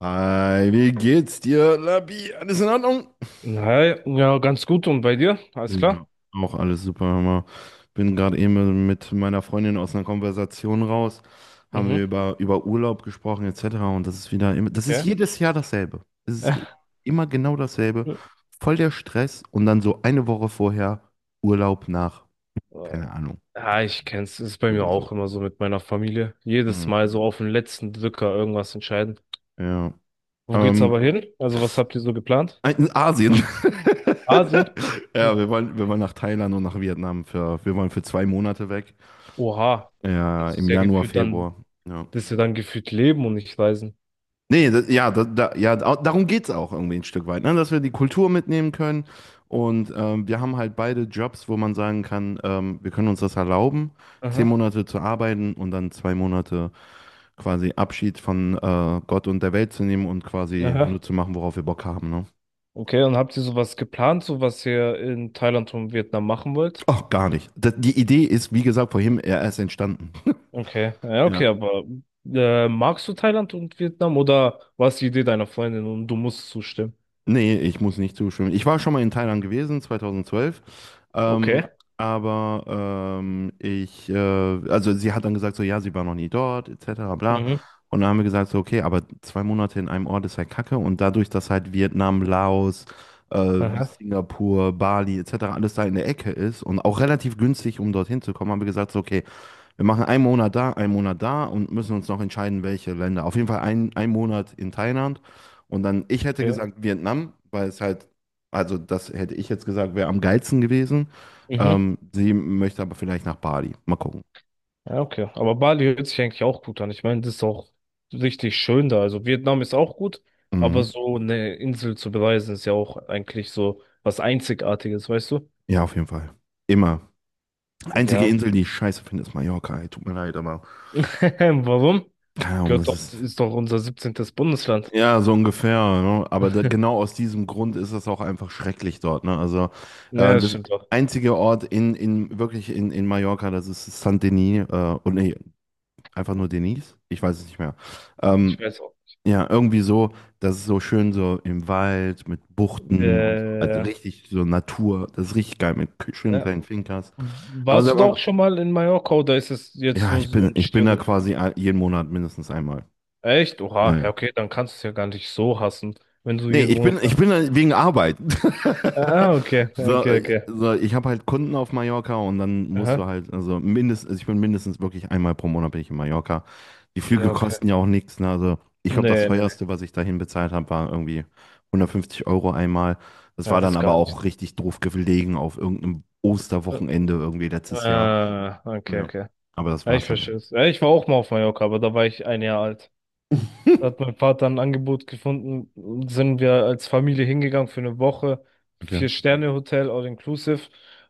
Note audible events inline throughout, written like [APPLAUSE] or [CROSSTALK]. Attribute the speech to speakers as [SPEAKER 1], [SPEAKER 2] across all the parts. [SPEAKER 1] Hi, wie geht's dir, Labi? Alles in Ordnung?
[SPEAKER 2] Hi, ja, ganz gut. Und bei dir? Alles
[SPEAKER 1] Ja,
[SPEAKER 2] klar?
[SPEAKER 1] auch alles super. Hör Bin gerade eben mit meiner Freundin aus einer Konversation raus. Haben wir
[SPEAKER 2] Mhm,
[SPEAKER 1] über Urlaub gesprochen, etc. Und das ist wieder immer, das ist
[SPEAKER 2] okay.
[SPEAKER 1] jedes Jahr dasselbe. Es ist immer,
[SPEAKER 2] [LAUGHS]
[SPEAKER 1] immer genau dasselbe. Voll der Stress und dann so eine Woche vorher Urlaub nach, keine Ahnung,
[SPEAKER 2] Ja, ich kenn's. Es ist bei mir
[SPEAKER 1] irgendwie
[SPEAKER 2] auch
[SPEAKER 1] so.
[SPEAKER 2] immer so mit meiner Familie. Jedes
[SPEAKER 1] Mhm.
[SPEAKER 2] Mal so auf den letzten Drücker irgendwas entscheiden.
[SPEAKER 1] Ja.
[SPEAKER 2] Wo geht's aber
[SPEAKER 1] Ähm,
[SPEAKER 2] hin? Also, was habt ihr so geplant?
[SPEAKER 1] In Asien. [LAUGHS]
[SPEAKER 2] Asien?
[SPEAKER 1] Ja,
[SPEAKER 2] Hm.
[SPEAKER 1] wir wollen nach Thailand und nach Vietnam wir wollen für 2 Monate weg.
[SPEAKER 2] Oha.
[SPEAKER 1] Ja,
[SPEAKER 2] Das
[SPEAKER 1] im
[SPEAKER 2] ist ja
[SPEAKER 1] Januar,
[SPEAKER 2] gefühlt dann,
[SPEAKER 1] Februar. Ja.
[SPEAKER 2] das ist ja dann gefühlt Leben und nicht Reisen.
[SPEAKER 1] Nee, das, ja, darum geht es auch irgendwie ein Stück weit, ne? Dass wir die Kultur mitnehmen können. Und wir haben halt beide Jobs, wo man sagen kann, wir können uns das erlauben, zehn
[SPEAKER 2] Aha,
[SPEAKER 1] Monate zu arbeiten und dann 2 Monate quasi Abschied von Gott und der Welt zu nehmen und quasi nur
[SPEAKER 2] aha.
[SPEAKER 1] zu machen, worauf wir Bock haben, ne?
[SPEAKER 2] Okay, und habt ihr sowas geplant, so was ihr in Thailand und Vietnam machen wollt?
[SPEAKER 1] Ach, gar nicht. Die Idee ist, wie gesagt, vorhin erst entstanden.
[SPEAKER 2] Okay, ja, okay,
[SPEAKER 1] Ja,
[SPEAKER 2] aber magst du Thailand und Vietnam oder war es die Idee deiner Freundin und du musst zustimmen?
[SPEAKER 1] nee, ich muss nicht zustimmen. Ich war schon mal in Thailand gewesen, 2012.
[SPEAKER 2] Okay.
[SPEAKER 1] Ähm, also sie hat dann gesagt, so, ja, sie war noch nie dort, etc., bla.
[SPEAKER 2] Mhm.
[SPEAKER 1] Und dann haben wir gesagt, so, okay, aber 2 Monate in einem Ort ist halt Kacke. Und dadurch, dass halt Vietnam, Laos,
[SPEAKER 2] Aha.
[SPEAKER 1] Singapur, Bali, etc., alles da in der Ecke ist und auch relativ günstig, um dorthin zu kommen, haben wir gesagt, so, okay, wir machen einen Monat da und müssen uns noch entscheiden, welche Länder. Auf jeden Fall einen Monat in Thailand. Und dann, ich hätte
[SPEAKER 2] Okay.
[SPEAKER 1] gesagt Vietnam, also das hätte ich jetzt gesagt, wäre am geilsten gewesen.
[SPEAKER 2] Mhm.
[SPEAKER 1] Sie möchte aber vielleicht nach Bali. Mal gucken.
[SPEAKER 2] Ja, okay. Aber Bali hört sich eigentlich auch gut an. Ich meine, das ist auch richtig schön da. Also Vietnam ist auch gut, aber
[SPEAKER 1] Mhm.
[SPEAKER 2] so eine Insel zu bereisen ist ja auch eigentlich so was Einzigartiges, weißt du?
[SPEAKER 1] Ja, auf jeden Fall. Immer. Einzige
[SPEAKER 2] Ja.
[SPEAKER 1] Insel, die ich scheiße finde, ist Mallorca. Ey, tut mir leid, aber
[SPEAKER 2] [LAUGHS] Warum?
[SPEAKER 1] keine Ahnung,
[SPEAKER 2] Gehört
[SPEAKER 1] das
[SPEAKER 2] doch,
[SPEAKER 1] ist.
[SPEAKER 2] ist doch unser 17. Bundesland.
[SPEAKER 1] Ja, so ungefähr, ne? Aber da, genau
[SPEAKER 2] [LAUGHS]
[SPEAKER 1] aus diesem Grund ist es auch einfach schrecklich dort, ne? Also äh,
[SPEAKER 2] Ja, das
[SPEAKER 1] das
[SPEAKER 2] stimmt doch.
[SPEAKER 1] einzige Ort in Mallorca, das ist San Denis, und nee, einfach nur Denis, ich weiß es nicht mehr.
[SPEAKER 2] Ich
[SPEAKER 1] Ähm,
[SPEAKER 2] weiß auch.
[SPEAKER 1] ja, irgendwie so, das ist so schön so im Wald mit Buchten und so, also
[SPEAKER 2] Äh,
[SPEAKER 1] richtig so Natur, das ist richtig geil mit schönen
[SPEAKER 2] ja,
[SPEAKER 1] kleinen Fincas. Aber
[SPEAKER 2] Warst
[SPEAKER 1] sag
[SPEAKER 2] du da
[SPEAKER 1] mal,
[SPEAKER 2] auch schon mal in Mallorca oder ist es jetzt
[SPEAKER 1] ja,
[SPEAKER 2] nur
[SPEAKER 1] ich
[SPEAKER 2] so
[SPEAKER 1] bin
[SPEAKER 2] ein
[SPEAKER 1] ich bin da
[SPEAKER 2] Stereotyp?
[SPEAKER 1] quasi jeden Monat mindestens einmal.
[SPEAKER 2] Echt? Oha, ja, okay, dann kannst du es ja gar nicht so hassen, wenn du
[SPEAKER 1] Nee,
[SPEAKER 2] jeden Monat.
[SPEAKER 1] ich bin halt wegen Arbeit.
[SPEAKER 2] Ah, ah,
[SPEAKER 1] [LAUGHS]
[SPEAKER 2] okay,
[SPEAKER 1] So,
[SPEAKER 2] okay, okay.
[SPEAKER 1] ich habe halt Kunden auf Mallorca und dann musst du
[SPEAKER 2] Aha.
[SPEAKER 1] halt, also mindestens, also ich bin mindestens wirklich einmal pro Monat bin ich in Mallorca. Die
[SPEAKER 2] Ja,
[SPEAKER 1] Flüge
[SPEAKER 2] okay.
[SPEAKER 1] kosten ja auch nichts, ne? Also ich glaube, das
[SPEAKER 2] Nee, nee, nee.
[SPEAKER 1] teuerste, was ich dahin bezahlt habe, war irgendwie 150 € einmal. Das
[SPEAKER 2] Ja,
[SPEAKER 1] war
[SPEAKER 2] das
[SPEAKER 1] dann
[SPEAKER 2] ist
[SPEAKER 1] aber
[SPEAKER 2] gar nicht.
[SPEAKER 1] auch richtig doof gelegen auf irgendeinem
[SPEAKER 2] Äh,
[SPEAKER 1] Osterwochenende irgendwie letztes Jahr.
[SPEAKER 2] ah, okay,
[SPEAKER 1] Ja.
[SPEAKER 2] okay.
[SPEAKER 1] Aber das
[SPEAKER 2] Ja,
[SPEAKER 1] war's
[SPEAKER 2] ich
[SPEAKER 1] dann auch.
[SPEAKER 2] verstehe es. Ja, ich war auch mal auf Mallorca, aber da war ich ein Jahr alt. Da hat mein
[SPEAKER 1] [LAUGHS]
[SPEAKER 2] Vater ein Angebot gefunden, sind wir als Familie hingegangen für eine Woche.
[SPEAKER 1] Okay.
[SPEAKER 2] Vier-Sterne-Hotel, all-inclusive.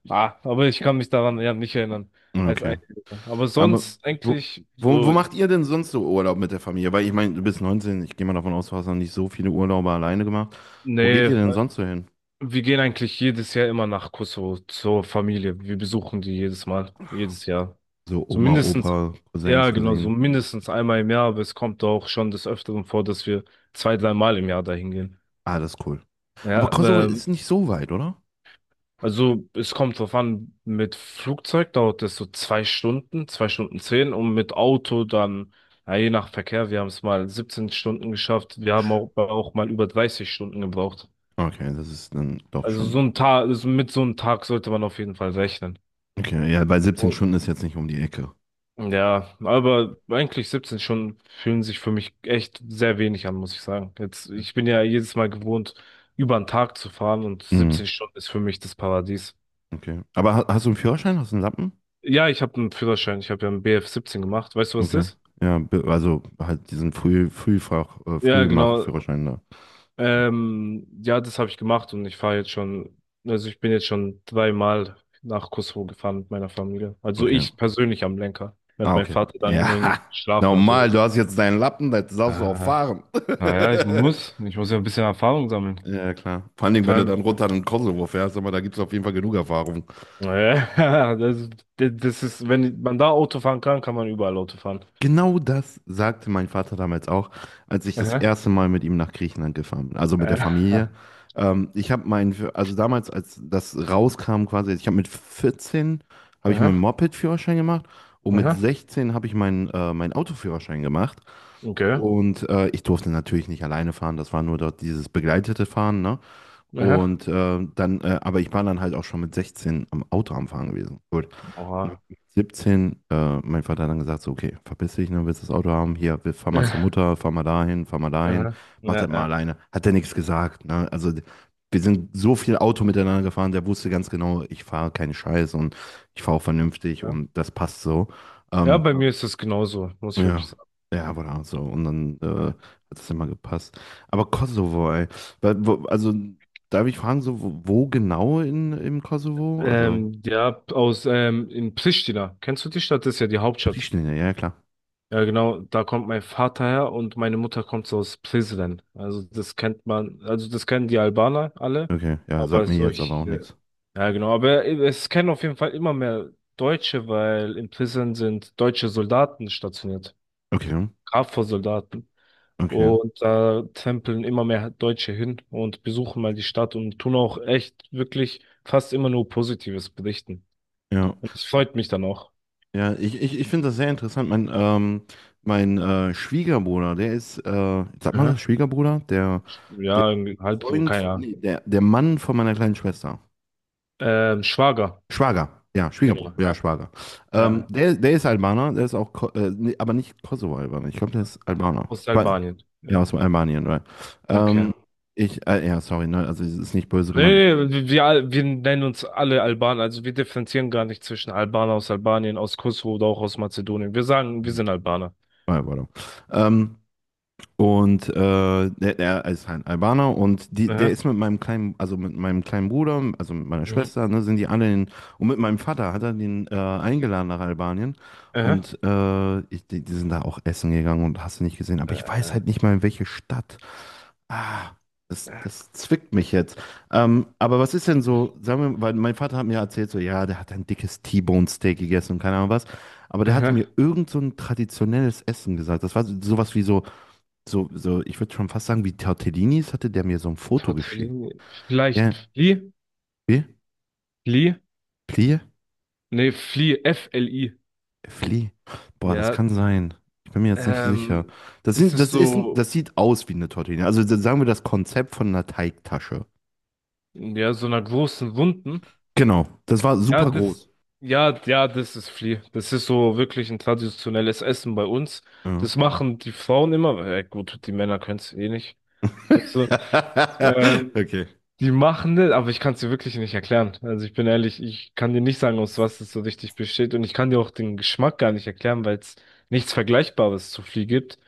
[SPEAKER 2] Ah, aber ich kann mich daran ja nicht erinnern, als
[SPEAKER 1] Okay.
[SPEAKER 2] Einzelner. Aber
[SPEAKER 1] Aber
[SPEAKER 2] sonst
[SPEAKER 1] wo,
[SPEAKER 2] eigentlich
[SPEAKER 1] wo
[SPEAKER 2] so,
[SPEAKER 1] macht ihr denn sonst so Urlaub mit der Familie? Weil ich meine, du bist 19. Ich gehe mal davon aus, du hast noch nicht so viele Urlaube alleine gemacht. Wo geht ihr
[SPEAKER 2] nee,
[SPEAKER 1] denn sonst so hin?
[SPEAKER 2] wir gehen eigentlich jedes Jahr immer nach Kosovo zur Familie. Wir besuchen die jedes Mal, jedes Jahr.
[SPEAKER 1] So
[SPEAKER 2] So
[SPEAKER 1] Oma,
[SPEAKER 2] mindestens,
[SPEAKER 1] Opa, Cousins,
[SPEAKER 2] ja genau, so
[SPEAKER 1] Cousinen.
[SPEAKER 2] mindestens einmal im Jahr, aber es kommt auch schon des Öfteren vor, dass wir zwei dreimal im Jahr dahin gehen.
[SPEAKER 1] Ah, das ist cool. Aber
[SPEAKER 2] Ja,
[SPEAKER 1] Kosovo ist nicht so weit, oder?
[SPEAKER 2] also es kommt drauf an, mit Flugzeug dauert es so zwei Stunden zehn und mit Auto dann, ja, je nach Verkehr, wir haben es mal 17 Stunden geschafft, wir haben auch, auch mal über 30 Stunden gebraucht.
[SPEAKER 1] Okay, das ist dann doch
[SPEAKER 2] Also so
[SPEAKER 1] schon.
[SPEAKER 2] ein Tag, also mit so einem Tag sollte man auf jeden Fall rechnen.
[SPEAKER 1] Okay, ja, bei siebzehn
[SPEAKER 2] Oh.
[SPEAKER 1] Stunden ist jetzt nicht um die Ecke.
[SPEAKER 2] Ja, aber eigentlich 17 Stunden fühlen sich für mich echt sehr wenig an, muss ich sagen. Jetzt, ich bin ja jedes Mal gewohnt, über einen Tag zu fahren und
[SPEAKER 1] Mhm,
[SPEAKER 2] 17 Stunden ist für mich das Paradies.
[SPEAKER 1] okay. Aber hast du einen Führerschein? Hast du einen Lappen?
[SPEAKER 2] Ja, ich habe einen Führerschein. Ich habe ja einen BF17 gemacht. Weißt du, was
[SPEAKER 1] Okay.
[SPEAKER 2] das ist?
[SPEAKER 1] Ja, also halt diesen Frühfach,
[SPEAKER 2] Ja, genau.
[SPEAKER 1] Frühmach-Führerschein da.
[SPEAKER 2] Ja, das habe ich gemacht und ich fahre jetzt schon, also ich bin jetzt schon dreimal nach Kosovo gefahren mit meiner Familie. Also
[SPEAKER 1] Okay.
[SPEAKER 2] ich persönlich am Lenker, während
[SPEAKER 1] Ah,
[SPEAKER 2] mein
[SPEAKER 1] okay.
[SPEAKER 2] Vater dann
[SPEAKER 1] Ja,
[SPEAKER 2] irgendwie
[SPEAKER 1] [LAUGHS]
[SPEAKER 2] geschlafen hatte.
[SPEAKER 1] normal, du hast jetzt deinen Lappen, da darfst du auch
[SPEAKER 2] Ah,
[SPEAKER 1] fahren.
[SPEAKER 2] naja, ich
[SPEAKER 1] [LAUGHS]
[SPEAKER 2] muss. Ich muss ja ein bisschen Erfahrung sammeln.
[SPEAKER 1] Ja, klar. Vor allen
[SPEAKER 2] Und
[SPEAKER 1] Dingen,
[SPEAKER 2] vor
[SPEAKER 1] wenn du
[SPEAKER 2] allem,
[SPEAKER 1] dann runter in den Kosovo fährst, aber da gibt es auf jeden Fall genug Erfahrung.
[SPEAKER 2] naja, [LAUGHS] das, das ist, wenn man da Auto fahren kann, kann man überall Auto fahren.
[SPEAKER 1] Genau das sagte mein Vater damals auch, als ich das
[SPEAKER 2] Aha.
[SPEAKER 1] erste Mal mit ihm nach Griechenland gefahren bin, also mit der
[SPEAKER 2] Äh,
[SPEAKER 1] Familie. Ich habe meinen, also damals, als das rauskam quasi, ich habe mit 14, habe ich meinen
[SPEAKER 2] aha,
[SPEAKER 1] Moped-Führerschein gemacht und mit
[SPEAKER 2] aha,
[SPEAKER 1] 16 habe ich meinen Autoführerschein gemacht.
[SPEAKER 2] okay,
[SPEAKER 1] Und ich durfte natürlich nicht alleine fahren, das war nur dort dieses begleitete Fahren, ne?
[SPEAKER 2] aha.
[SPEAKER 1] Und aber ich war dann halt auch schon mit 16 am Auto am Fahren gewesen mit
[SPEAKER 2] Oha.
[SPEAKER 1] 17. Mein Vater hat dann gesagt, so, okay, verpiss dich, ne, willst das Auto haben? Hier, wir fahren mal zur
[SPEAKER 2] [LAUGHS]
[SPEAKER 1] Mutter, fahren mal dahin,
[SPEAKER 2] Aha.
[SPEAKER 1] mach
[SPEAKER 2] Ja,
[SPEAKER 1] das mal
[SPEAKER 2] ja,
[SPEAKER 1] alleine. Hat er nichts gesagt, ne? Also wir sind so viel Auto miteinander gefahren, der wusste ganz genau, ich fahre keinen Scheiß und ich fahre auch vernünftig
[SPEAKER 2] ja.
[SPEAKER 1] und das passt so.
[SPEAKER 2] Ja,
[SPEAKER 1] Ähm,
[SPEAKER 2] bei mir ist es genauso, muss ich wirklich
[SPEAKER 1] ja,
[SPEAKER 2] sagen.
[SPEAKER 1] ja, aber da so. Und dann
[SPEAKER 2] Ja,
[SPEAKER 1] hat es immer gepasst. Aber Kosovo, ey. Also, darf ich fragen, so, wo genau im Kosovo? Also,
[SPEAKER 2] ja aus in Pristina. Kennst du die Stadt? Das ist ja die Hauptstadt.
[SPEAKER 1] Pristina, ja, klar.
[SPEAKER 2] Ja, genau, da kommt mein Vater her und meine Mutter kommt so aus Prizren. Also das kennt man, also das kennen die Albaner alle,
[SPEAKER 1] Okay, ja, sagt
[SPEAKER 2] aber
[SPEAKER 1] mir
[SPEAKER 2] so
[SPEAKER 1] jetzt aber auch nichts.
[SPEAKER 2] ja genau, aber es kennen auf jeden Fall immer mehr Deutsche, weil in Prizren sind deutsche Soldaten stationiert,
[SPEAKER 1] Okay,
[SPEAKER 2] KFOR-Soldaten.
[SPEAKER 1] okay.
[SPEAKER 2] Und da tempeln immer mehr Deutsche hin und besuchen mal die Stadt und tun auch echt wirklich fast immer nur Positives berichten.
[SPEAKER 1] Ja,
[SPEAKER 2] Und das freut mich dann auch.
[SPEAKER 1] ja, ich finde das sehr interessant. Mein Schwiegerbruder, sagt man das,
[SPEAKER 2] Aha.
[SPEAKER 1] Schwiegerbruder? Der, der
[SPEAKER 2] Ja, irgendwie halb,
[SPEAKER 1] Freund,
[SPEAKER 2] keine
[SPEAKER 1] nee,
[SPEAKER 2] Ahnung.
[SPEAKER 1] der, der Mann von meiner kleinen Schwester.
[SPEAKER 2] Schwager,
[SPEAKER 1] Schwager, ja,
[SPEAKER 2] genau,
[SPEAKER 1] Schwiegerbruder, ja,
[SPEAKER 2] ja,
[SPEAKER 1] Schwager.
[SPEAKER 2] ja,
[SPEAKER 1] Ja. Der ist Albaner, der ist auch, aber nicht Kosovo-Albaner, ich glaube, der ist Albaner.
[SPEAKER 2] aus Albanien.
[SPEAKER 1] Ja, aus Albanien, right.
[SPEAKER 2] Okay.
[SPEAKER 1] Ähm, ja, sorry, ne, also es ist nicht böse gemeint.
[SPEAKER 2] Nee, nee, wir, wir nennen uns alle Albaner, also wir differenzieren gar nicht zwischen Albaner aus Albanien, aus Kosovo oder auch aus Mazedonien. Wir sagen, wir
[SPEAKER 1] Hm,
[SPEAKER 2] sind Albaner.
[SPEAKER 1] warte. Ähm, Und äh, Der ist halt Albaner und der
[SPEAKER 2] Aha,
[SPEAKER 1] ist mit meinem kleinen Bruder, also mit meiner
[SPEAKER 2] mhm,
[SPEAKER 1] Schwester, ne, sind die alle in, und mit meinem Vater hat er den eingeladen nach Albanien.
[SPEAKER 2] aha,
[SPEAKER 1] Und die sind da auch essen gegangen und hast du nicht gesehen. Aber ich weiß
[SPEAKER 2] äh,
[SPEAKER 1] halt nicht mal, in welche Stadt. Ah, das zwickt mich jetzt. Aber was ist denn so, sagen wir, weil mein Vater hat mir erzählt, so, ja, der hat ein dickes T-Bone-Steak gegessen und keine Ahnung was. Aber der hatte mir
[SPEAKER 2] aha.
[SPEAKER 1] irgend so ein traditionelles Essen gesagt. Das war sowas wie ich würde schon fast sagen, wie Tortellinis hatte der mir so ein Foto geschickt.
[SPEAKER 2] Tortellini.
[SPEAKER 1] Ja,
[SPEAKER 2] Vielleicht Fli?
[SPEAKER 1] wie?
[SPEAKER 2] Fli?
[SPEAKER 1] Plie?
[SPEAKER 2] Nee, Fli, F-L-I.
[SPEAKER 1] Flie? Boah, das
[SPEAKER 2] Ja,
[SPEAKER 1] kann sein. Ich bin mir jetzt nicht sicher.
[SPEAKER 2] ähm,
[SPEAKER 1] Das
[SPEAKER 2] das
[SPEAKER 1] sind,
[SPEAKER 2] ist
[SPEAKER 1] das ist,
[SPEAKER 2] so,
[SPEAKER 1] das sieht aus wie eine Tortellini. Also sagen wir das Konzept von einer Teigtasche.
[SPEAKER 2] ja, so einer großen Wunden.
[SPEAKER 1] Genau, das war
[SPEAKER 2] Ja,
[SPEAKER 1] super
[SPEAKER 2] das,
[SPEAKER 1] groß.
[SPEAKER 2] ja, ja, das ist Fli. Das ist so wirklich ein traditionelles Essen bei uns.
[SPEAKER 1] Ja.
[SPEAKER 2] Das machen die Frauen immer, weil, ja, gut, die Männer können es eh nicht. Weißt du?
[SPEAKER 1] [LAUGHS]
[SPEAKER 2] Ähm,
[SPEAKER 1] Okay.
[SPEAKER 2] Die machen das, aber ich kann es dir wirklich nicht erklären. Also ich bin ehrlich, ich kann dir nicht sagen, aus was es so richtig besteht. Und ich kann dir auch den Geschmack gar nicht erklären, weil es nichts Vergleichbares zu Flieh gibt.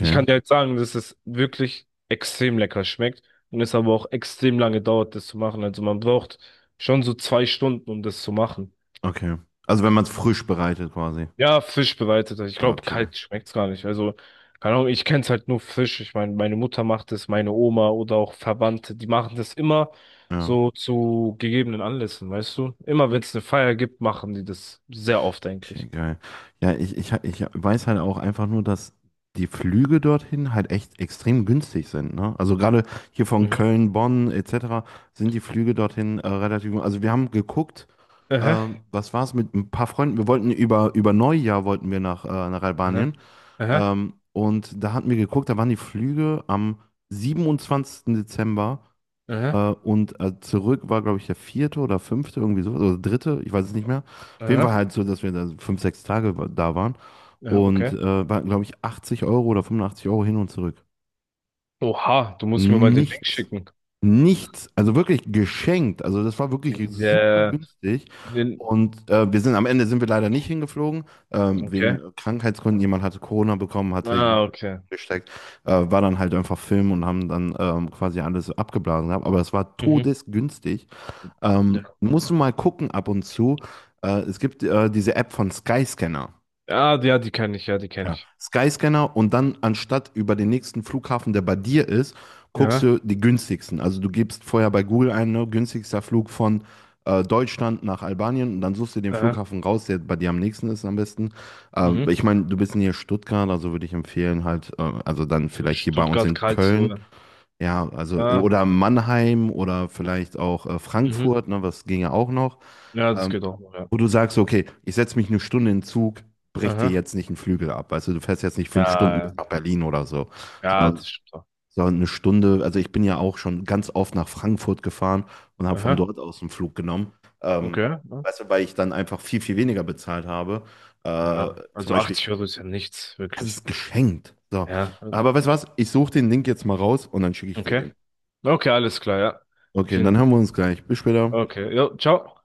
[SPEAKER 2] Ich kann dir halt sagen, dass es wirklich extrem lecker schmeckt und es aber auch extrem lange dauert, das zu machen. Also man braucht schon so zwei Stunden, um das zu machen.
[SPEAKER 1] okay. Also wenn man es frisch bereitet quasi.
[SPEAKER 2] Ja, Fisch bereiteter. Ich
[SPEAKER 1] Ah,
[SPEAKER 2] glaube,
[SPEAKER 1] okay.
[SPEAKER 2] kalt schmeckt's gar nicht. Also, keine Ahnung, ich kenn's halt nur Fisch. Ich meine, meine Mutter macht es, meine Oma oder auch Verwandte, die machen das immer
[SPEAKER 1] Ja.
[SPEAKER 2] so zu gegebenen Anlässen, weißt du? Immer wenn's eine Feier gibt, machen die das sehr oft eigentlich.
[SPEAKER 1] Okay, geil. Ja, ich weiß halt auch einfach nur, dass die Flüge dorthin halt echt extrem günstig sind, ne? Also gerade hier von
[SPEAKER 2] Mhm.
[SPEAKER 1] Köln, Bonn etc. sind die Flüge dorthin relativ günstig. Also wir haben geguckt,
[SPEAKER 2] Aha,
[SPEAKER 1] was war es mit ein paar Freunden, wir wollten über Neujahr wollten wir nach, nach
[SPEAKER 2] aha,
[SPEAKER 1] Albanien,
[SPEAKER 2] aha,
[SPEAKER 1] und da hatten wir geguckt, da waren die Flüge am 27. Dezember, äh,
[SPEAKER 2] aha,
[SPEAKER 1] zurück war, glaube ich, der vierte oder fünfte, irgendwie so, oder dritte, ich weiß es nicht mehr. Auf jeden Fall
[SPEAKER 2] aha,
[SPEAKER 1] halt so, dass wir da 5, 6 Tage da waren.
[SPEAKER 2] aha,
[SPEAKER 1] Und
[SPEAKER 2] okay.
[SPEAKER 1] waren, glaube ich, 80 € oder 85 € hin und zurück.
[SPEAKER 2] Oha, du musst mir mal den Link
[SPEAKER 1] Nichts.
[SPEAKER 2] schicken.
[SPEAKER 1] Nichts. Also wirklich geschenkt. Also das war wirklich super
[SPEAKER 2] Der,
[SPEAKER 1] günstig.
[SPEAKER 2] den,
[SPEAKER 1] Und wir sind am Ende sind wir leider nicht hingeflogen,
[SPEAKER 2] okay.
[SPEAKER 1] wegen Krankheitsgründen. Jemand hatte Corona bekommen, hatte
[SPEAKER 2] Ah,
[SPEAKER 1] jemand
[SPEAKER 2] okay.
[SPEAKER 1] gesteckt, war dann halt einfach Film und haben dann quasi alles abgeblasen gehabt. Aber es war
[SPEAKER 2] Mhm.
[SPEAKER 1] todesgünstig.
[SPEAKER 2] Ja,
[SPEAKER 1] Musst du mal gucken ab und zu. Es gibt diese App von Skyscanner.
[SPEAKER 2] ja, die kenne ich, ja, die kenne
[SPEAKER 1] Ja.
[SPEAKER 2] ich.
[SPEAKER 1] Skyscanner, und dann anstatt über den nächsten Flughafen, der bei dir ist, guckst
[SPEAKER 2] Ja,
[SPEAKER 1] du die günstigsten. Also du gibst vorher bei Google ein, ne, günstigster Flug von Deutschland nach Albanien, und dann suchst du den
[SPEAKER 2] aha,
[SPEAKER 1] Flughafen raus, der bei dir am nächsten ist am besten.
[SPEAKER 2] mhm.
[SPEAKER 1] Ich meine, du bist hier in Stuttgart, also würde ich empfehlen halt, also dann
[SPEAKER 2] So
[SPEAKER 1] vielleicht hier bei uns in Köln,
[SPEAKER 2] Stuttgart-Karlsruhe.
[SPEAKER 1] ja, also
[SPEAKER 2] Ja.
[SPEAKER 1] oder Mannheim oder vielleicht auch
[SPEAKER 2] Mhm.
[SPEAKER 1] Frankfurt, ne, was ginge auch noch,
[SPEAKER 2] Ja, das
[SPEAKER 1] ähm,
[SPEAKER 2] geht auch noch, ja.
[SPEAKER 1] wo du sagst, okay, ich setze mich eine Stunde in den Zug, brech dir
[SPEAKER 2] Aha.
[SPEAKER 1] jetzt nicht einen Flügel ab. Also du fährst jetzt nicht
[SPEAKER 2] Ja,
[SPEAKER 1] 5 Stunden bis
[SPEAKER 2] ja,
[SPEAKER 1] nach Berlin oder so,
[SPEAKER 2] ja,
[SPEAKER 1] sondern,
[SPEAKER 2] das stimmt auch.
[SPEAKER 1] sondern eine Stunde. Also ich bin ja auch schon ganz oft nach Frankfurt gefahren und habe von
[SPEAKER 2] Aha.
[SPEAKER 1] dort aus einen Flug genommen. Ähm,
[SPEAKER 2] Okay. Ja,
[SPEAKER 1] Weißt du, weil ich dann einfach viel, viel weniger bezahlt habe. Äh,
[SPEAKER 2] ja,
[SPEAKER 1] Zum
[SPEAKER 2] also
[SPEAKER 1] Beispiel,
[SPEAKER 2] 80€ ist ja nichts,
[SPEAKER 1] das
[SPEAKER 2] wirklich.
[SPEAKER 1] ist geschenkt. So.
[SPEAKER 2] Ja, also.
[SPEAKER 1] Aber weißt du was? Ich suche den Link jetzt mal raus und dann schicke ich dir
[SPEAKER 2] Okay.
[SPEAKER 1] den.
[SPEAKER 2] Okay, alles klar, ja.
[SPEAKER 1] Okay,
[SPEAKER 2] Vielen
[SPEAKER 1] dann hören
[SPEAKER 2] Dank.
[SPEAKER 1] wir uns gleich. Bis später.
[SPEAKER 2] Okay. Jo, ciao.